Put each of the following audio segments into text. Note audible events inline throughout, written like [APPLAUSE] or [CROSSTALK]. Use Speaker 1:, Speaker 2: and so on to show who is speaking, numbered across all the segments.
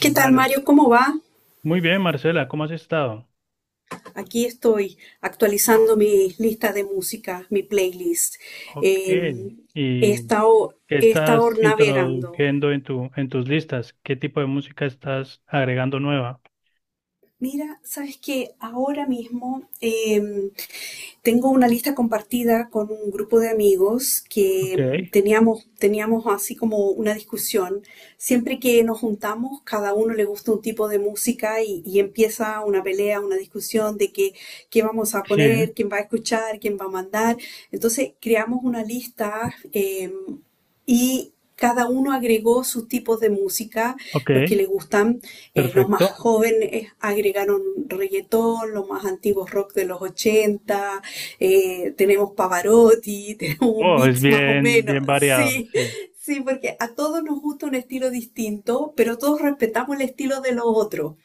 Speaker 1: ¿Qué tal, Mario? ¿Cómo va?
Speaker 2: Muy bien, Marcela, ¿cómo has estado?
Speaker 1: Aquí estoy actualizando mi lista de música, mi playlist.
Speaker 2: Ok.
Speaker 1: Eh, he
Speaker 2: ¿Y qué
Speaker 1: estado, he estado
Speaker 2: estás
Speaker 1: navegando.
Speaker 2: introduciendo en tus listas? ¿Qué tipo de música estás agregando nueva?
Speaker 1: Mira, sabes que ahora mismo tengo una lista compartida con un grupo de amigos
Speaker 2: Ok,
Speaker 1: que teníamos así como una discusión. Siempre que nos juntamos, cada uno le gusta un tipo de música y empieza una pelea, una discusión de que qué vamos a
Speaker 2: sí,
Speaker 1: poner, quién va a escuchar, quién va a mandar. Entonces creamos una lista, y cada uno agregó sus tipos de música,
Speaker 2: ok,
Speaker 1: los que le gustan. Los más
Speaker 2: perfecto.
Speaker 1: jóvenes agregaron reggaetón, los más antiguos rock de los ochenta, tenemos Pavarotti, [LAUGHS] tenemos un
Speaker 2: Oh, es
Speaker 1: mix más o
Speaker 2: bien,
Speaker 1: menos,
Speaker 2: bien variado,
Speaker 1: sí,
Speaker 2: sí,
Speaker 1: sí, porque a todos nos gusta un estilo distinto, pero todos respetamos el estilo de los otros.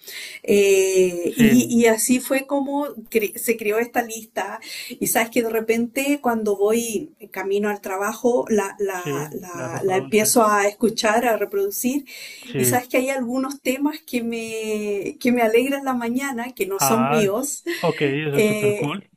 Speaker 1: Eh,
Speaker 2: sí,
Speaker 1: y, y así fue como se creó esta lista. Y sabes que de repente cuando voy camino al trabajo, la,
Speaker 2: sí,
Speaker 1: la,
Speaker 2: la
Speaker 1: la, la
Speaker 2: reproduces,
Speaker 1: empiezo a escuchar, a reproducir, y
Speaker 2: sí.
Speaker 1: sabes que hay algunos temas que me alegran la mañana, que no son míos.
Speaker 2: Ok, eso es súper
Speaker 1: eh,
Speaker 2: cool.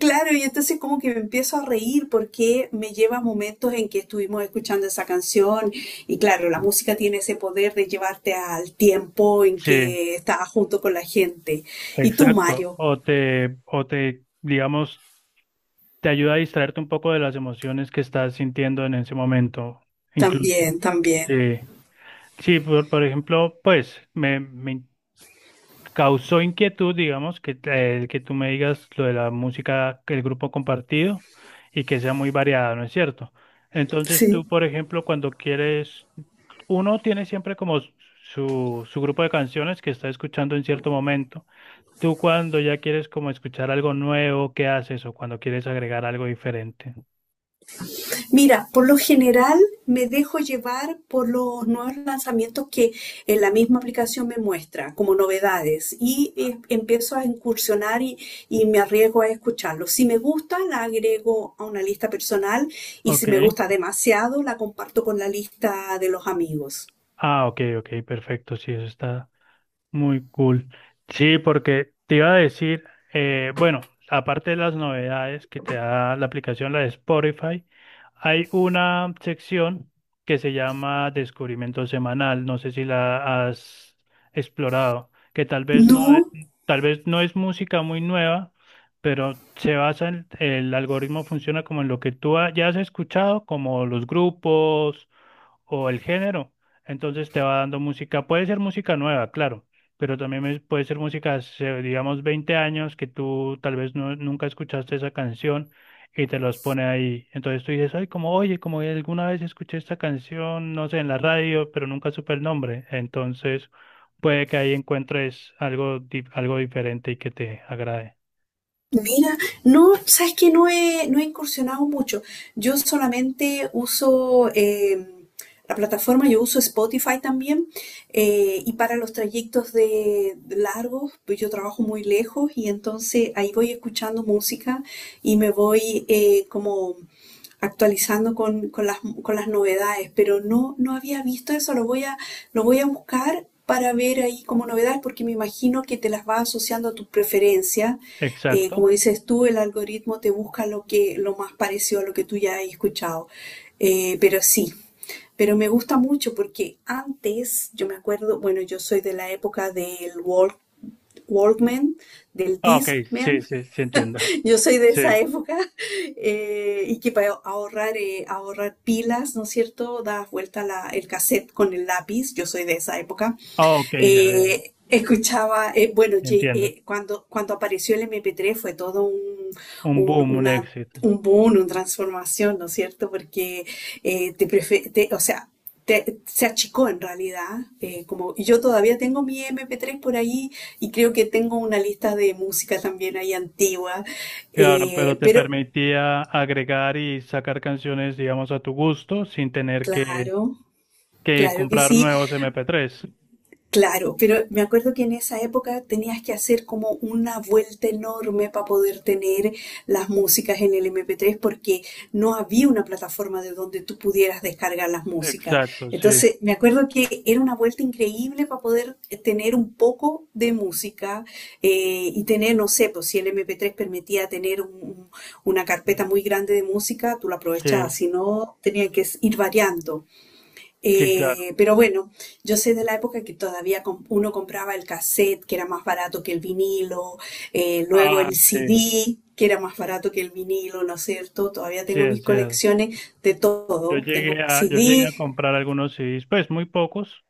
Speaker 1: Claro, y entonces como que me empiezo a reír porque me lleva a momentos en que estuvimos escuchando esa canción, y claro, la música tiene ese poder de llevarte al tiempo en
Speaker 2: Sí,
Speaker 1: que estabas junto con la gente. Y tú,
Speaker 2: exacto.
Speaker 1: Mario,
Speaker 2: O te, digamos, te ayuda a distraerte un poco de las emociones que estás sintiendo en ese momento, incluso.
Speaker 1: también, también.
Speaker 2: Sí, sí, por ejemplo, pues me causó inquietud, digamos, que tú me digas lo de la música, que el grupo compartido y que sea muy variada, ¿no es cierto? Entonces
Speaker 1: Sí.
Speaker 2: tú, por ejemplo, cuando quieres, uno tiene siempre como su grupo de canciones que está escuchando en cierto momento. Tú cuando ya quieres como escuchar algo nuevo, ¿qué haces? O cuando quieres agregar algo diferente.
Speaker 1: Mira, por lo general me dejo llevar por los nuevos lanzamientos que en la misma aplicación me muestra como novedades, y empiezo a incursionar y me arriesgo a escucharlos. Si me gusta, la agrego a una lista personal, y si
Speaker 2: Ok.
Speaker 1: me gusta demasiado, la comparto con la lista de los amigos.
Speaker 2: Ah, ok, ok, perfecto. Sí, eso está muy cool. Sí, porque te iba a decir, bueno, aparte de las novedades que te da la aplicación, la de Spotify, hay una sección que se llama Descubrimiento Semanal. No sé si la has explorado, que tal vez no, e-
Speaker 1: No.
Speaker 2: tal vez no es música muy nueva, pero se basa en, el algoritmo funciona como en lo que ya has escuchado, como los grupos o el género. Entonces te va dando música, puede ser música nueva, claro, pero también puede ser música, hace, digamos, 20 años que tú tal vez no- nunca escuchaste esa canción y te los pone ahí. Entonces tú dices, ay, como, oye, como alguna vez escuché esta canción, no sé, en la radio, pero nunca supe el nombre. Entonces puede que ahí encuentres algo diferente y que te agrade.
Speaker 1: Mira, no, sabes que no he incursionado mucho. Yo solamente uso, la plataforma, yo uso Spotify también. Y para los trayectos de largos, pues yo trabajo muy lejos, y entonces ahí voy escuchando música y me voy, como actualizando con las novedades. Pero no, no había visto eso, lo voy a buscar, para ver ahí como novedad, porque me imagino que te las va asociando a tus preferencias, como
Speaker 2: Exacto.
Speaker 1: dices tú, el algoritmo te busca lo más parecido a lo que tú ya has escuchado. Pero sí, pero me gusta mucho porque antes, yo me acuerdo, bueno, yo soy de la época del Walkman, del
Speaker 2: Ah, ok, sí,
Speaker 1: Discman,
Speaker 2: sí, sí, entiendo.
Speaker 1: [LAUGHS] yo soy de
Speaker 2: Sí.
Speaker 1: esa época, [LAUGHS] y que para ahorrar, ahorrar pilas, ¿no es cierto? Das vuelta el cassette con el lápiz, yo soy de esa época.
Speaker 2: Ah, ok, ya, ya,
Speaker 1: Escuchaba, bueno,
Speaker 2: entiendo.
Speaker 1: cuando, cuando apareció el MP3 fue todo
Speaker 2: Un
Speaker 1: un-
Speaker 2: boom, un
Speaker 1: una,
Speaker 2: éxito.
Speaker 1: un boom, una transformación, ¿no es cierto? Porque o sea, se achicó en realidad. Como y yo todavía tengo mi MP3 por ahí, y creo que tengo una lista de música también ahí antigua.
Speaker 2: Claro, pero
Speaker 1: eh,
Speaker 2: te
Speaker 1: pero
Speaker 2: permitía agregar y sacar canciones, digamos, a tu gusto sin tener que,
Speaker 1: claro,
Speaker 2: que
Speaker 1: claro que
Speaker 2: comprar
Speaker 1: sí.
Speaker 2: nuevos MP3.
Speaker 1: Claro, pero me acuerdo que en esa época tenías que hacer como una vuelta enorme para poder tener las músicas en el MP3, porque no había una plataforma de donde tú pudieras descargar las músicas.
Speaker 2: Exacto, sí.
Speaker 1: Entonces, me acuerdo que era una vuelta increíble para poder, tener un poco de música, y tener, no sé, pues si el MP3 permitía tener una carpeta muy grande de música, tú la
Speaker 2: Sí,
Speaker 1: aprovechabas, si no, tenían que ir variando.
Speaker 2: sí, claro.
Speaker 1: Bueno, yo sé de la época que todavía uno compraba el cassette, que era más barato que el vinilo, luego
Speaker 2: Ah,
Speaker 1: el
Speaker 2: sí,
Speaker 1: CD, que era más barato que el vinilo, ¿no es cierto? Todavía
Speaker 2: sí,
Speaker 1: tengo
Speaker 2: es
Speaker 1: mis
Speaker 2: cierto.
Speaker 1: colecciones de
Speaker 2: Yo
Speaker 1: todo.
Speaker 2: llegué
Speaker 1: Tengo
Speaker 2: a, yo llegué
Speaker 1: CD,
Speaker 2: a comprar algunos CDs, pues muy pocos,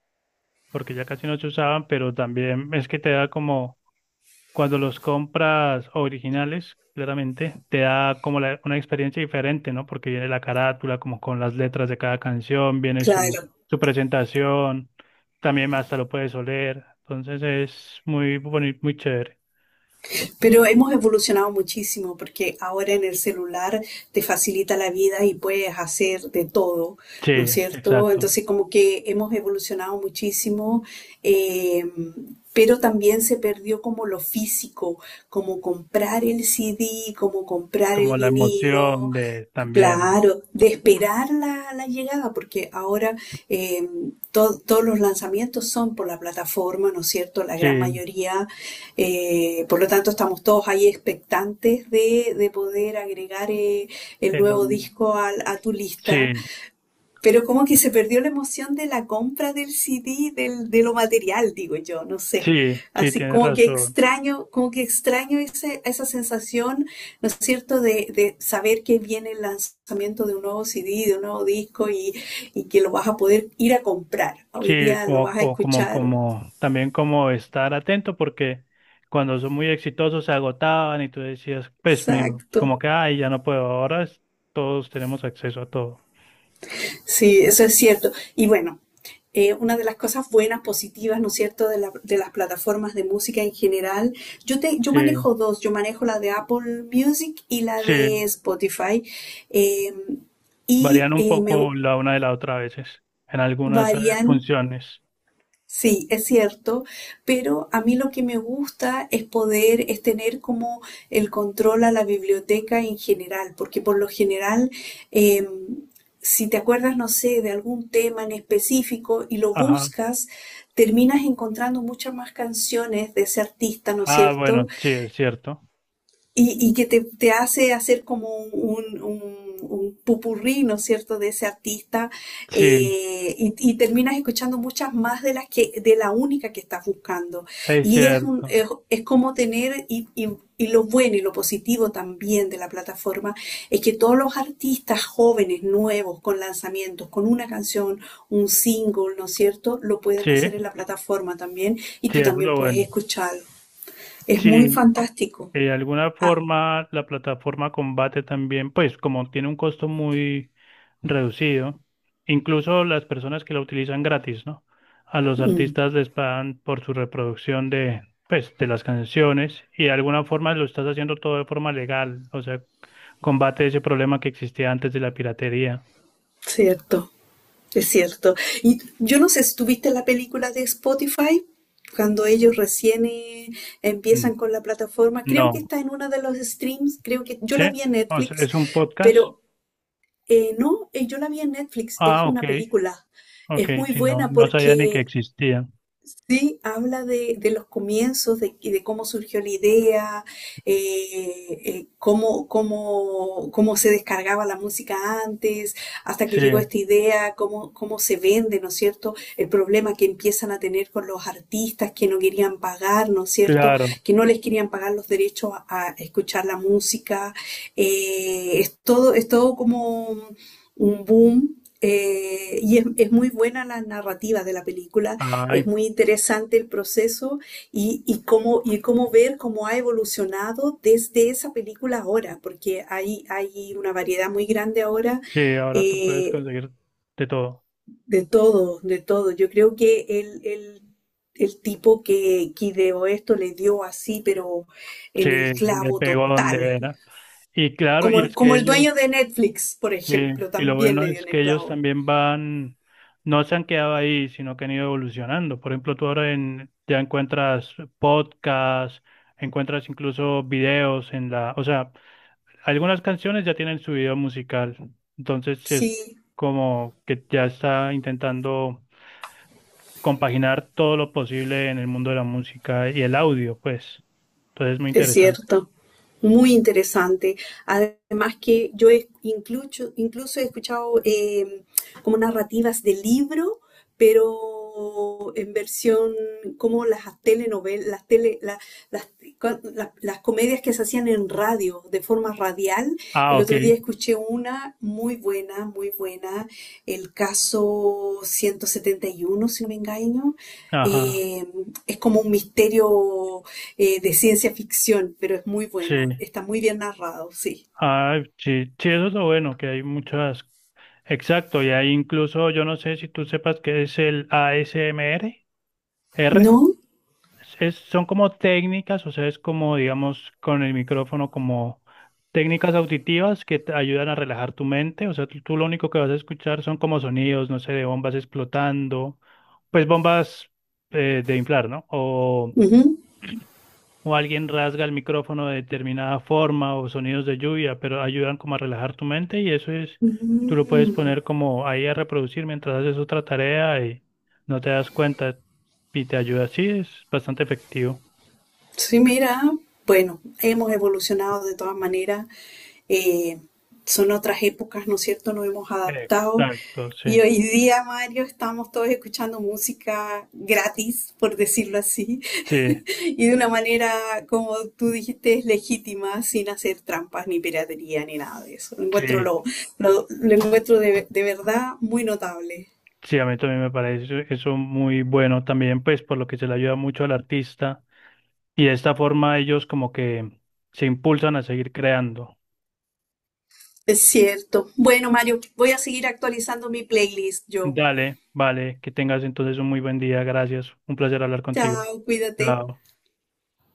Speaker 2: porque ya casi no se usaban, pero también es que te da como. Cuando los compras originales, claramente, te da como una experiencia diferente, ¿no? Porque viene la carátula, como con las letras de cada canción, viene su,
Speaker 1: claro.
Speaker 2: su presentación, también hasta lo puedes oler, entonces es muy bonito, muy chévere.
Speaker 1: Pero hemos evolucionado muchísimo porque ahora en el celular te facilita la vida y puedes hacer de todo,
Speaker 2: Sí,
Speaker 1: ¿no es cierto?
Speaker 2: exacto.
Speaker 1: Entonces como que hemos evolucionado muchísimo, eh, pero también se perdió como lo físico, como comprar el CD, como comprar el
Speaker 2: Como la emoción
Speaker 1: vinilo.
Speaker 2: de también.
Speaker 1: Claro, de esperar la, la llegada, porque ahora, eh, todos los lanzamientos son por la plataforma, ¿no es cierto? La gran
Speaker 2: Sí,
Speaker 1: mayoría, por lo tanto, estamos todos ahí expectantes de poder agregar, el nuevo
Speaker 2: el-
Speaker 1: disco a tu lista,
Speaker 2: sí,
Speaker 1: pero como que se perdió la emoción de la compra del CD, del, de lo material, digo yo, no sé.
Speaker 2: sí, sí,
Speaker 1: Así
Speaker 2: tienes razón.
Speaker 1: como que extraño esa sensación, ¿no es cierto?, de saber que viene el lanzamiento de un nuevo CD, de un nuevo disco, y que lo vas a poder ir a comprar. Hoy
Speaker 2: Sí,
Speaker 1: día lo vas a escuchar.
Speaker 2: también como estar atento porque cuando son muy exitosos se agotaban y tú decías,
Speaker 1: Exacto.
Speaker 2: como que, ay, ya no puedo, todos tenemos acceso a todo.
Speaker 1: Sí, eso es cierto. Una de las cosas buenas, positivas, ¿no es cierto?, de, la, de las plataformas de música en general. Yo manejo
Speaker 2: Sí,
Speaker 1: dos, yo manejo la de Apple Music y la de
Speaker 2: sí,
Speaker 1: Spotify. Eh,
Speaker 2: varían un
Speaker 1: Me
Speaker 2: poco la una de la otra a veces, en algunas
Speaker 1: varían.
Speaker 2: funciones.
Speaker 1: Sí, es cierto, pero a mí lo que me gusta es poder, es tener como el control a la biblioteca en general, porque por lo general, eh, si te acuerdas, no sé, de algún tema en específico y lo
Speaker 2: Ajá.
Speaker 1: buscas, terminas encontrando muchas más canciones de ese artista, ¿no es
Speaker 2: Ah, bueno,
Speaker 1: cierto?
Speaker 2: sí, es cierto.
Speaker 1: Y que te hace hacer como un popurrí, ¿no es cierto?, de ese artista,
Speaker 2: Sí,
Speaker 1: y terminas escuchando muchas más de las que, de la única que estás buscando.
Speaker 2: es
Speaker 1: Y es un,
Speaker 2: cierto.
Speaker 1: es como tener, y lo bueno y lo positivo también de la plataforma, es que todos los artistas jóvenes, nuevos, con lanzamientos, con una canción, un single, ¿no es cierto?, lo pueden
Speaker 2: Sí,
Speaker 1: hacer en la plataforma también, y
Speaker 2: sí,
Speaker 1: tú
Speaker 2: eso es
Speaker 1: también
Speaker 2: lo
Speaker 1: puedes
Speaker 2: bueno.
Speaker 1: escucharlo. Es muy
Speaker 2: Sí,
Speaker 1: fantástico.
Speaker 2: Eh, de alguna
Speaker 1: Ah,
Speaker 2: forma, la plataforma combate también, pues como tiene un costo muy reducido, incluso las personas que la utilizan gratis, ¿no? A los
Speaker 1: mm.
Speaker 2: artistas les pagan por su reproducción de las canciones y de alguna forma lo estás haciendo todo de forma legal, o sea, combate ese problema que existía antes de la piratería.
Speaker 1: Cierto, es cierto. Y yo no sé si tuviste la película de Spotify, cuando ellos recién,
Speaker 2: Mm.
Speaker 1: empiezan con la plataforma. Creo que
Speaker 2: No,
Speaker 1: está en una de los streams, creo que yo
Speaker 2: ¿sí?
Speaker 1: la vi en
Speaker 2: O sea,
Speaker 1: Netflix,
Speaker 2: ¿es un podcast?
Speaker 1: pero, no, yo la vi en Netflix, es
Speaker 2: Ah, ok,
Speaker 1: una película.
Speaker 2: ok,
Speaker 1: Es muy
Speaker 2: si no,
Speaker 1: buena
Speaker 2: no sabía ni que
Speaker 1: porque
Speaker 2: existía.
Speaker 1: sí, habla de los comienzos, de, y de cómo surgió la idea, cómo se descargaba la música antes, hasta que llegó
Speaker 2: Sí,
Speaker 1: esta idea, cómo, cómo se vende, ¿no es cierto? El problema que empiezan a tener con los artistas que no querían pagar, ¿no es cierto?
Speaker 2: claro.
Speaker 1: Que no les querían pagar los derechos a escuchar la música. Es todo como un boom. Es muy buena la narrativa de la película,
Speaker 2: Ah,
Speaker 1: es muy interesante el proceso, y cómo ver cómo ha evolucionado desde esa película ahora, porque hay una variedad muy grande ahora,
Speaker 2: sí, ahora tú puedes
Speaker 1: eh,
Speaker 2: conseguir de todo.
Speaker 1: de todo, de todo. Yo creo que el tipo que ideó esto le dio así, pero
Speaker 2: Sí,
Speaker 1: en el
Speaker 2: le
Speaker 1: clavo
Speaker 2: pegó
Speaker 1: total.
Speaker 2: donde era. Y claro, y
Speaker 1: Como,
Speaker 2: es
Speaker 1: como
Speaker 2: que
Speaker 1: el
Speaker 2: ellos,
Speaker 1: dueño de Netflix, por
Speaker 2: sí,
Speaker 1: ejemplo,
Speaker 2: y lo
Speaker 1: también
Speaker 2: bueno
Speaker 1: le dio
Speaker 2: es
Speaker 1: en el
Speaker 2: que ellos
Speaker 1: clavo.
Speaker 2: también van, no se han quedado ahí, sino que han ido evolucionando. Por ejemplo, ya encuentras podcasts, encuentras incluso videos en la, o sea, algunas canciones ya tienen su video musical. Entonces sí es
Speaker 1: Sí,
Speaker 2: como que ya está intentando compaginar todo lo posible en el mundo de la música y el audio, pues. Entonces es muy
Speaker 1: es
Speaker 2: interesante.
Speaker 1: cierto, muy interesante. Además que yo he incluso, incluso he escuchado, como narrativas de libro, pero en versión como las telenovelas, las, tele, la- las, cua- la- las comedias que se hacían en radio, de forma radial.
Speaker 2: Ah,
Speaker 1: El
Speaker 2: ok.
Speaker 1: otro día escuché una muy buena, el caso 171, si no me engaño.
Speaker 2: Ajá.
Speaker 1: Eh, es como un misterio, de ciencia ficción, pero es muy
Speaker 2: Sí.
Speaker 1: bueno, está muy bien narrado, sí.
Speaker 2: Ah, sí. Sí, eso es lo bueno, que hay muchas. Exacto, y hay incluso, yo no sé si tú sepas qué es el ASMR, R. R.
Speaker 1: ¿No?
Speaker 2: Son como técnicas, o sea, es como, digamos, con el micrófono, como técnicas auditivas que te ayudan a relajar tu mente. O sea, tú lo único que vas a escuchar son como sonidos, no sé, de bombas explotando, pues bombas de inflar, ¿no? O,
Speaker 1: Ujú.
Speaker 2: o alguien rasga el micrófono de determinada forma o sonidos de lluvia, pero ayudan como a relajar tu mente y eso es, tú lo puedes
Speaker 1: Mm.
Speaker 2: poner como ahí a reproducir mientras haces otra tarea y no te das cuenta y te ayuda. Sí, es bastante efectivo.
Speaker 1: Sí, mira, bueno, hemos evolucionado de todas maneras, eh, son otras épocas, ¿no es cierto? Nos hemos adaptado.
Speaker 2: Exacto,
Speaker 1: Y
Speaker 2: sí,
Speaker 1: hoy día, Mario, estamos todos escuchando música gratis, por decirlo así.
Speaker 2: sí,
Speaker 1: Y de una manera, como tú dijiste, es legítima, sin hacer trampas, ni piratería, ni nada de eso. Lo encuentro,
Speaker 2: sí,
Speaker 1: lo encuentro de verdad muy notable.
Speaker 2: sí, a mí también me parece eso muy bueno también, pues por lo que se le ayuda mucho al artista y de esta forma ellos como que se impulsan a seguir creando.
Speaker 1: Es cierto. Bueno, Mario, voy a seguir actualizando mi playlist yo.
Speaker 2: Dale, vale, que tengas entonces un muy buen día, gracias, un placer hablar contigo.
Speaker 1: Chao, cuídate.
Speaker 2: Chao.